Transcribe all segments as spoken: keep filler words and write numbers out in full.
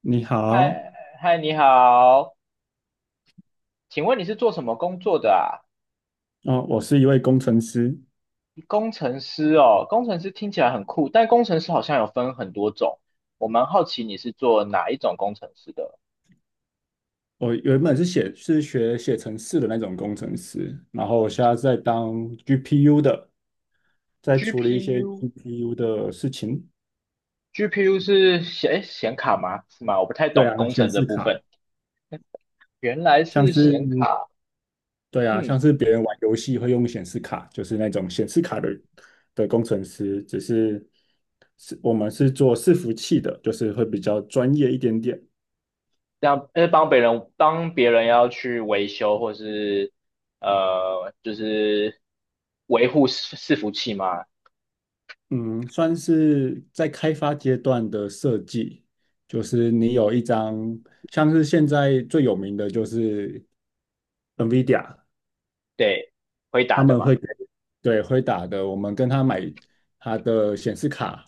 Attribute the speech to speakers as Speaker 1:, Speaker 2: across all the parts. Speaker 1: 你好，
Speaker 2: 嗨嗨，你好，请问你是做什么工作的啊？
Speaker 1: 哦，我是一位工程师，
Speaker 2: 工程师哦，工程师听起来很酷，但工程师好像有分很多种，我蛮好奇你是做哪一种工程师的
Speaker 1: 我原本是写是学写程式的那种工程师。然后我现在在当 G P U 的，在处理一些
Speaker 2: ？G P U，G P U
Speaker 1: G P U 的事情。
Speaker 2: 是显诶显卡吗？是吗？我不太
Speaker 1: 对
Speaker 2: 懂
Speaker 1: 啊，
Speaker 2: 工
Speaker 1: 显
Speaker 2: 程这
Speaker 1: 示
Speaker 2: 部
Speaker 1: 卡。
Speaker 2: 分。原来
Speaker 1: 像
Speaker 2: 是
Speaker 1: 是
Speaker 2: 显卡，
Speaker 1: 对啊，
Speaker 2: 嗯，
Speaker 1: 像是别人玩游戏会用显示卡，就是那种显示卡的的工程师。只是是我们是做伺服器的，就是会比较专业一点点。
Speaker 2: 这样呃帮别人帮别人要去维修或是呃就是维护伺伺服器吗？
Speaker 1: 嗯，算是在开发阶段的设计，就是你有一张，像是现在最有名的就是 NVIDIA。
Speaker 2: 对，回
Speaker 1: 他
Speaker 2: 答的
Speaker 1: 们
Speaker 2: 嘛。
Speaker 1: 会给，对，会打的，我们跟他买他的显示卡，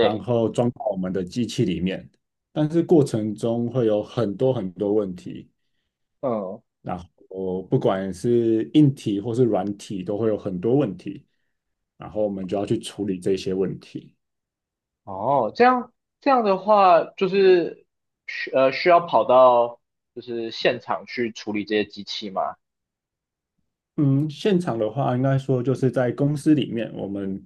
Speaker 1: 然后装到我们的机器里面，但是过程中会有很多很多问题。
Speaker 2: 嗯。
Speaker 1: 然后不管是硬体或是软体，都会有很多问题，然后我们就要去处理这些问题。
Speaker 2: 哦，这样这样的话，就是需呃需要跑到就是现场去处理这些机器吗？
Speaker 1: 嗯，现场的话，应该说就是在公司里面，我们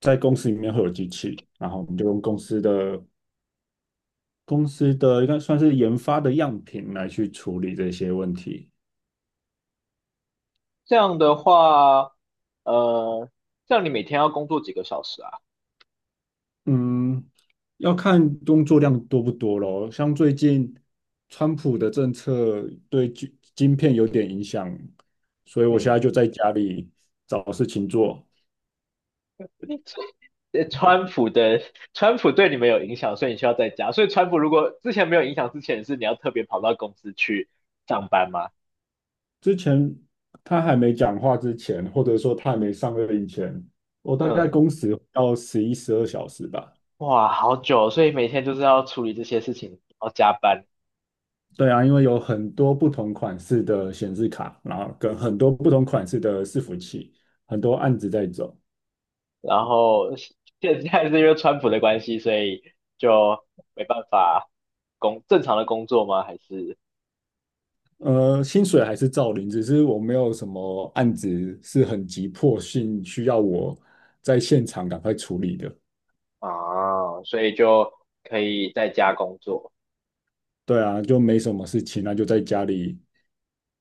Speaker 1: 在公司里面会有机器，然后我们就用公司的公司的应该算是研发的样品来去处理这些问题。
Speaker 2: 这样的话，呃，这样你每天要工作几个小时啊？
Speaker 1: 嗯，要看工作量多不多咯。像最近川普的政策对晶晶片有点影响，所以我现
Speaker 2: 嗯。
Speaker 1: 在就在家里找事情做。
Speaker 2: 呃川普的川普对你们有影响，所以你需要在家。所以川普如果之前没有影响之前，是你要特别跑到公司去上班吗？
Speaker 1: 之前他还没讲话之前，或者说他还没上任前，我大概
Speaker 2: 嗯。
Speaker 1: 工时要十一、十二小时吧。
Speaker 2: 哇，好久哦，所以每天就是要处理这些事情，要加班。
Speaker 1: 对啊，因为有很多不同款式的显示卡，然后跟很多不同款式的伺服器，很多案子在走。
Speaker 2: 然后现在是因为川普的关系，所以就没办法工正常的工作吗？还是
Speaker 1: 呃，薪水还是照领，只是我没有什么案子是很急迫性需要我在现场赶快处理的。
Speaker 2: 啊，所以就可以在家工作，
Speaker 1: 对啊，就没什么事情，那就在家里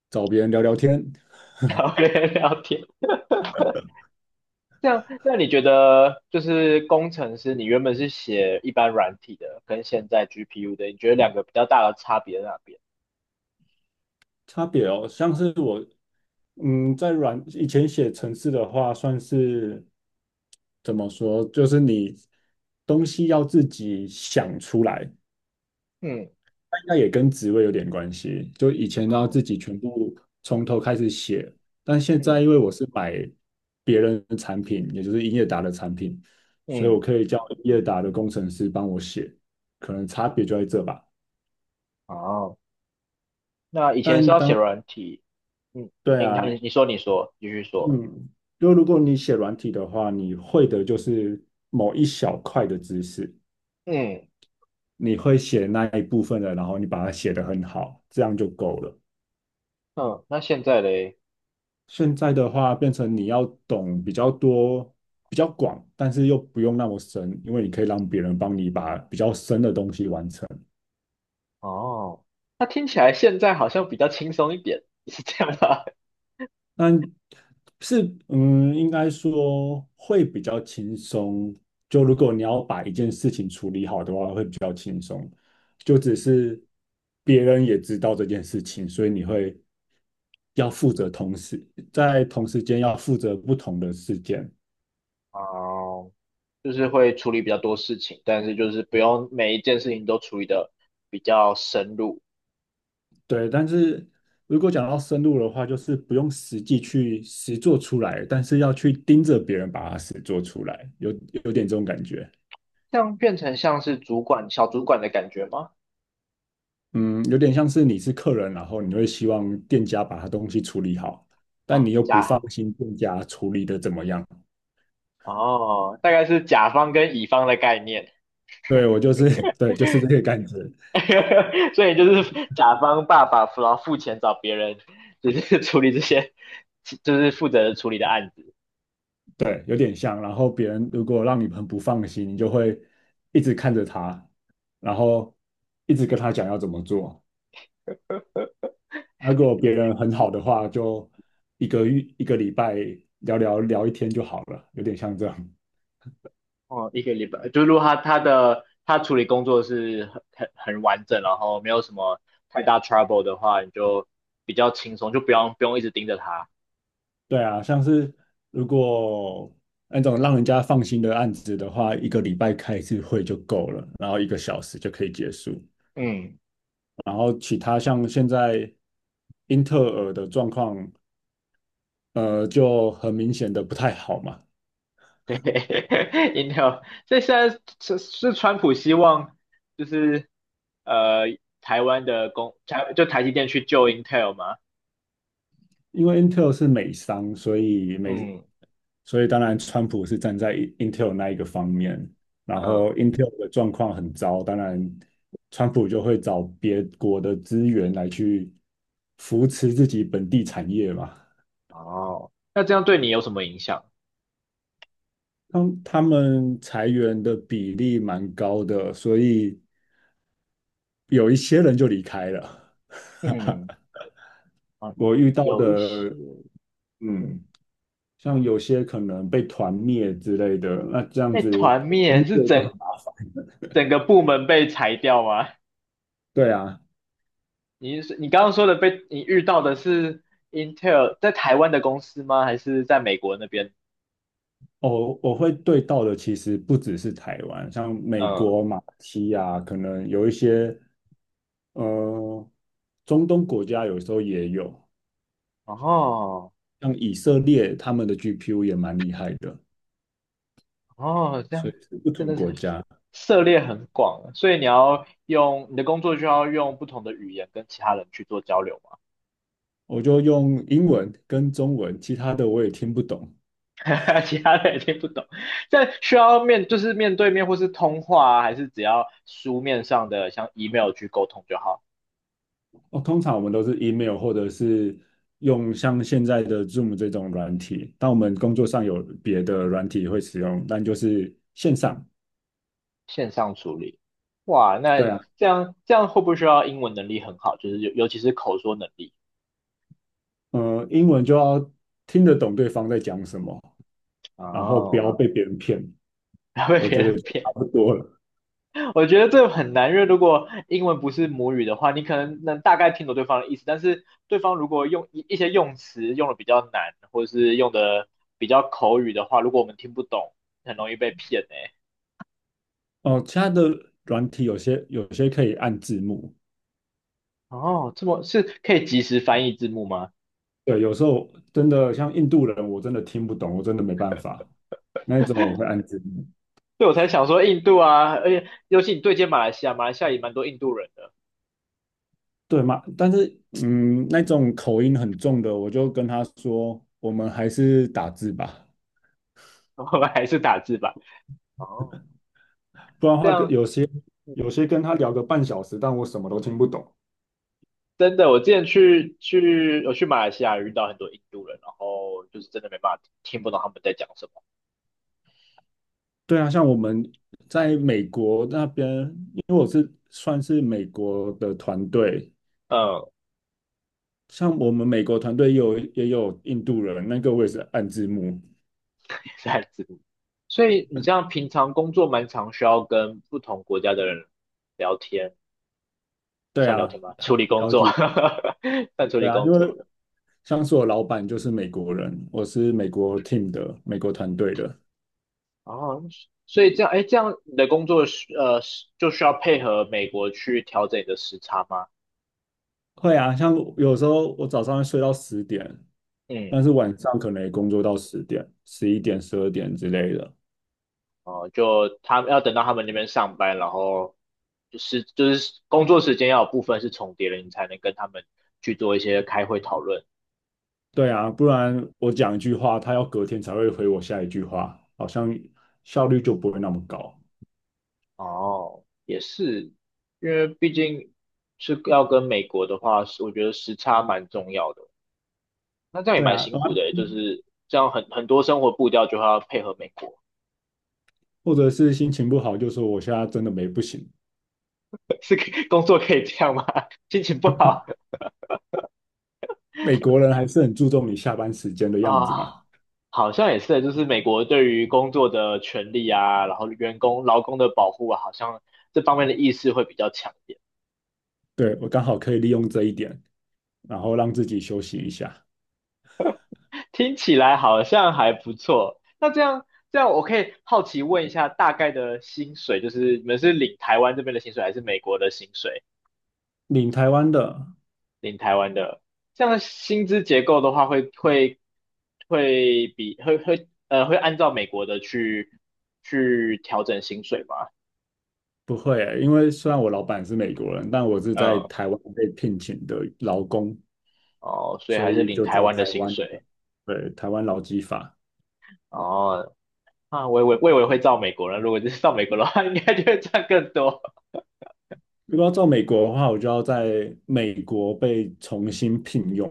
Speaker 1: 找别人聊聊天。
Speaker 2: 然后跟人聊天。这样，那你觉得就是工程师，你原本是写一般软体的，跟现在 G P U 的，你觉得两个比较大的差别在哪边？
Speaker 1: 差别哦，像是我，嗯，在软以前写程式的话，算是怎么说，就是你东西要自己想出来，
Speaker 2: 嗯。
Speaker 1: 那应该也跟职位有点关系。就以前都要
Speaker 2: 哦。
Speaker 1: 自己全部从头开始写，但现在
Speaker 2: 嗯
Speaker 1: 因为我是买别人的产品，也就是英业达的产品，所以我
Speaker 2: 嗯，
Speaker 1: 可以叫英业达的工程师帮我写，可能差别就在这吧。
Speaker 2: 哦，那以前是
Speaker 1: 但
Speaker 2: 要写
Speaker 1: 当
Speaker 2: 软体，嗯，
Speaker 1: 对
Speaker 2: 你看
Speaker 1: 啊。
Speaker 2: 你你说你说，继续说，
Speaker 1: 嗯，就如果你写软体的话，你会的就是某一小块的知识，你会写那一部分的，然后你把它写得很好，这样就够了。
Speaker 2: 嗯，那现在嘞？
Speaker 1: 现在的话，变成你要懂比较多、比较广，但是又不用那么深，因为你可以让别人帮你把比较深的东西完成。
Speaker 2: 哦，那听起来现在好像比较轻松一点，是这样吧？
Speaker 1: 但是，嗯，应该说会比较轻松。就如果你要把一件事情处理好的话，会比较轻松。就只
Speaker 2: 嗯。
Speaker 1: 是别人也知道这件事情，所以你会要负责同时在同时间要负责不同的事件。
Speaker 2: 哦，就是会处理比较多事情，但是就是不用每一件事情都处理的比较深入，
Speaker 1: 对，但是如果讲到深入的话，就是不用实际去实做出来，但是要去盯着别人把它实做出来，有有点这种感觉。
Speaker 2: 这样变成像是主管、小主管的感觉吗？
Speaker 1: 嗯，有点像是你是客人，然后你会希望店家把他东西处理好，但
Speaker 2: 啊、
Speaker 1: 你又不
Speaker 2: 甲，
Speaker 1: 放心店家处理的怎么样。
Speaker 2: 哦，大概是甲方跟乙方的概念，
Speaker 1: 对，我就是，对，就是这个感觉。
Speaker 2: 所以就是甲方爸爸然后付钱找别人，就是处理这些，就是负责处理的案子。
Speaker 1: 对，有点像。然后别人如果让你很不放心，你就会一直看着他，然后一直跟他讲要怎么做。啊如果别人很好的话，就一个月、一个礼拜聊聊聊一天就好了，有点像这样。
Speaker 2: 哦，一个礼拜，就如果他他的他处理工作是很很很完整，然后没有什么太大 trouble 的话，你就比较轻松，就不用不用一直盯着他。
Speaker 1: 对啊，像是如果那种让人家放心的案子的话，一个礼拜开一次会就够了，然后一个小时就可以结束。
Speaker 2: 嗯。
Speaker 1: 然后其他像现在英特尔的状况，呃，就很明显的不太好嘛。
Speaker 2: 对 ，Intel,所以现在是是川普希望就是呃台湾的工台就台积电去救 Intel 吗？
Speaker 1: 因为 Intel 是美商，所以美，
Speaker 2: 嗯
Speaker 1: 所以当然川普是站在 Intel 那一个方面，然
Speaker 2: 嗯，
Speaker 1: 后 Intel 的状况很糟，当然川普就会找别国的资源来去扶持自己本地产业嘛。
Speaker 2: 哦，那这样对你有什么影响？
Speaker 1: 他他们裁员的比例蛮高的，所以有一些人就离开了。
Speaker 2: 嗯，啊，
Speaker 1: 我遇到
Speaker 2: 有一些，
Speaker 1: 的，
Speaker 2: 嗯，
Speaker 1: 嗯，像有些可能被团灭之类的，那这样
Speaker 2: 被
Speaker 1: 子
Speaker 2: 团
Speaker 1: 工
Speaker 2: 灭是
Speaker 1: 作就很，
Speaker 2: 怎？整个部门被裁掉吗？
Speaker 1: 对啊。
Speaker 2: 你是你刚刚说的被你遇到的是 Intel 在台湾的公司吗？还是在美国那边？
Speaker 1: 哦，我会对到的其实不只是台湾，像美
Speaker 2: 嗯。
Speaker 1: 国、马来西亚，可能有一些呃中东国家有时候也有，
Speaker 2: 哦
Speaker 1: 像以色列他们的 G P U 也蛮厉害的，
Speaker 2: 哦，这
Speaker 1: 所
Speaker 2: 样
Speaker 1: 以是不
Speaker 2: 真
Speaker 1: 同
Speaker 2: 的是
Speaker 1: 国
Speaker 2: 很
Speaker 1: 家。
Speaker 2: 涉猎很广啊，所以你要用你的工作就要用不同的语言跟其他人去做交流嘛，
Speaker 1: 我就用英文跟中文，其他的我也听不懂。
Speaker 2: 其他人也听不懂。但需要面就是面对面或是通话啊，还是只要书面上的像 email 去沟通就好？
Speaker 1: 哦，通常我们都是 email 或者是用像现在的 Zoom 这种软体，但我们工作上有别的软体会使用，但就是线上。
Speaker 2: 线上处理，哇，那
Speaker 1: 对啊。
Speaker 2: 这样这样会不会需要英文能力很好，就是尤尤其是口说能力？
Speaker 1: 呃，英文就要听得懂对方在讲什么，然后不
Speaker 2: 哦，
Speaker 1: 要哦被别人骗，
Speaker 2: 不要被
Speaker 1: 我
Speaker 2: 别
Speaker 1: 觉得
Speaker 2: 人
Speaker 1: 就差
Speaker 2: 骗，
Speaker 1: 不多了。
Speaker 2: 我觉得这很难，因为如果英文不是母语的话，你可能能大概听懂对方的意思，但是对方如果用一一些用词用的比较难，或者是用的比较口语的话，如果我们听不懂，很容易被骗诶、
Speaker 1: 哦，其他的软体有些有些可以按字幕。
Speaker 2: 哦，这么是可以及时翻译字幕吗？
Speaker 1: 对，有时候真的像印度人，我真的听不懂，我真的没办法，那一种我会按字幕。
Speaker 2: 对，我才想说印度啊，而且尤其你对接马来西亚，马来西亚也蛮多印度人的。
Speaker 1: 对嘛？但是嗯，那种口音很重的，我就跟他说，我们还是打字吧。
Speaker 2: 我们还是打字吧。哦，
Speaker 1: 不然的
Speaker 2: 这
Speaker 1: 话，跟
Speaker 2: 样
Speaker 1: 有些
Speaker 2: 嗯
Speaker 1: 有些跟他聊个半小时，但我什么都听不懂。
Speaker 2: 真的，我之前去去我去马来西亚遇到很多印度人，然后就是真的没办法听不懂他们在讲什么，
Speaker 1: 对啊，像我们在美国那边，因为我是算是美国的团队，
Speaker 2: 嗯，
Speaker 1: 像我们美国团队也有也有印度人，那个我也是按字幕。
Speaker 2: 是汉字幕。所以你这样平常工作蛮常需要跟不同国家的人聊天，
Speaker 1: 对
Speaker 2: 算聊天
Speaker 1: 啊，
Speaker 2: 吗？
Speaker 1: 他
Speaker 2: 处理
Speaker 1: 蛮
Speaker 2: 工
Speaker 1: 高
Speaker 2: 作，
Speaker 1: 级。
Speaker 2: 算处
Speaker 1: 对
Speaker 2: 理
Speaker 1: 啊，
Speaker 2: 工
Speaker 1: 因为
Speaker 2: 作。
Speaker 1: 像是我老板就是美国人，我是美国 team 的美国团队的。
Speaker 2: 哦，所以这样，哎，这样你的工作是呃是就需要配合美国去调整你的时差吗？
Speaker 1: 会啊，像有时候我早上会睡到十点。
Speaker 2: 嗯。
Speaker 1: 但是晚上可能也工作到十点、十一点、十二点之类的。
Speaker 2: 哦，就他们要等到他们那边上班，然后就是就是工作时间要有部分是重叠的，你才能跟他们去做一些开会讨论。
Speaker 1: 对啊，不然我讲一句话，他要隔天才会回我下一句话，好像效率就不会那么高。
Speaker 2: 哦，也是，因为毕竟是要跟美国的话，是我觉得时差蛮重要的。那这样也
Speaker 1: 对
Speaker 2: 蛮
Speaker 1: 啊，
Speaker 2: 辛
Speaker 1: 啊
Speaker 2: 苦的欸，就是这样很很多生活步调就要配合美国，
Speaker 1: 或者是心情不好，就说我现在真的没不行。
Speaker 2: 是可以工作可以这样吗？心情不好
Speaker 1: 美国人还是很注重你下班时间的
Speaker 2: 啊，
Speaker 1: 样
Speaker 2: 哦
Speaker 1: 子嘛。
Speaker 2: 好像也是，就是美国对于工作的权利啊，然后员工劳工的保护啊，好像这方面的意识会比较强一点。
Speaker 1: 对，我刚好可以利用这一点，然后让自己休息一下。
Speaker 2: 听起来好像还不错。那这样这样，我可以好奇问一下，大概的薪水，就是你们是领台湾这边的薪水，还是美国的薪水？
Speaker 1: 领台湾的。
Speaker 2: 领台湾的，这样的薪资结构的话会，会会比会会呃会按照美国的去去调整薪水吗？
Speaker 1: 不会欸因为虽然我老板是美国人，但我是在
Speaker 2: 嗯，
Speaker 1: 台湾被聘请的劳工，
Speaker 2: 哦，所以
Speaker 1: 所
Speaker 2: 还是
Speaker 1: 以
Speaker 2: 领
Speaker 1: 就
Speaker 2: 台
Speaker 1: 招
Speaker 2: 湾的
Speaker 1: 台
Speaker 2: 薪
Speaker 1: 湾
Speaker 2: 水。
Speaker 1: 的，对，台湾劳基法。
Speaker 2: 哦，那我以为我以为会照美国人，如果就是照美国的话，应该就会赚更多。
Speaker 1: 如果要到美国的话，我就要在美国被重新聘用，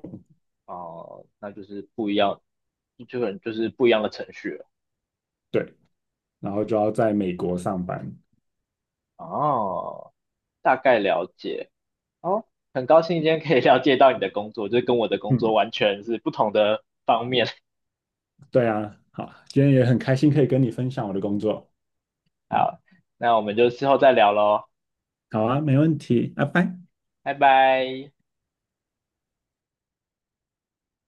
Speaker 2: 哦，那就是不一样，就很就是不一样的程序了。
Speaker 1: 对，然后就要在美国上班。
Speaker 2: 哦，大概了解。哦，很高兴今天可以了解到你的工作，就是跟我的工作
Speaker 1: 嗯，
Speaker 2: 完全是不同的方面。
Speaker 1: 对啊，好，今天也很开心可以跟你分享我的工作。
Speaker 2: 好，那我们就之后再聊喽，
Speaker 1: 好啊，没问题，拜拜。
Speaker 2: 拜拜。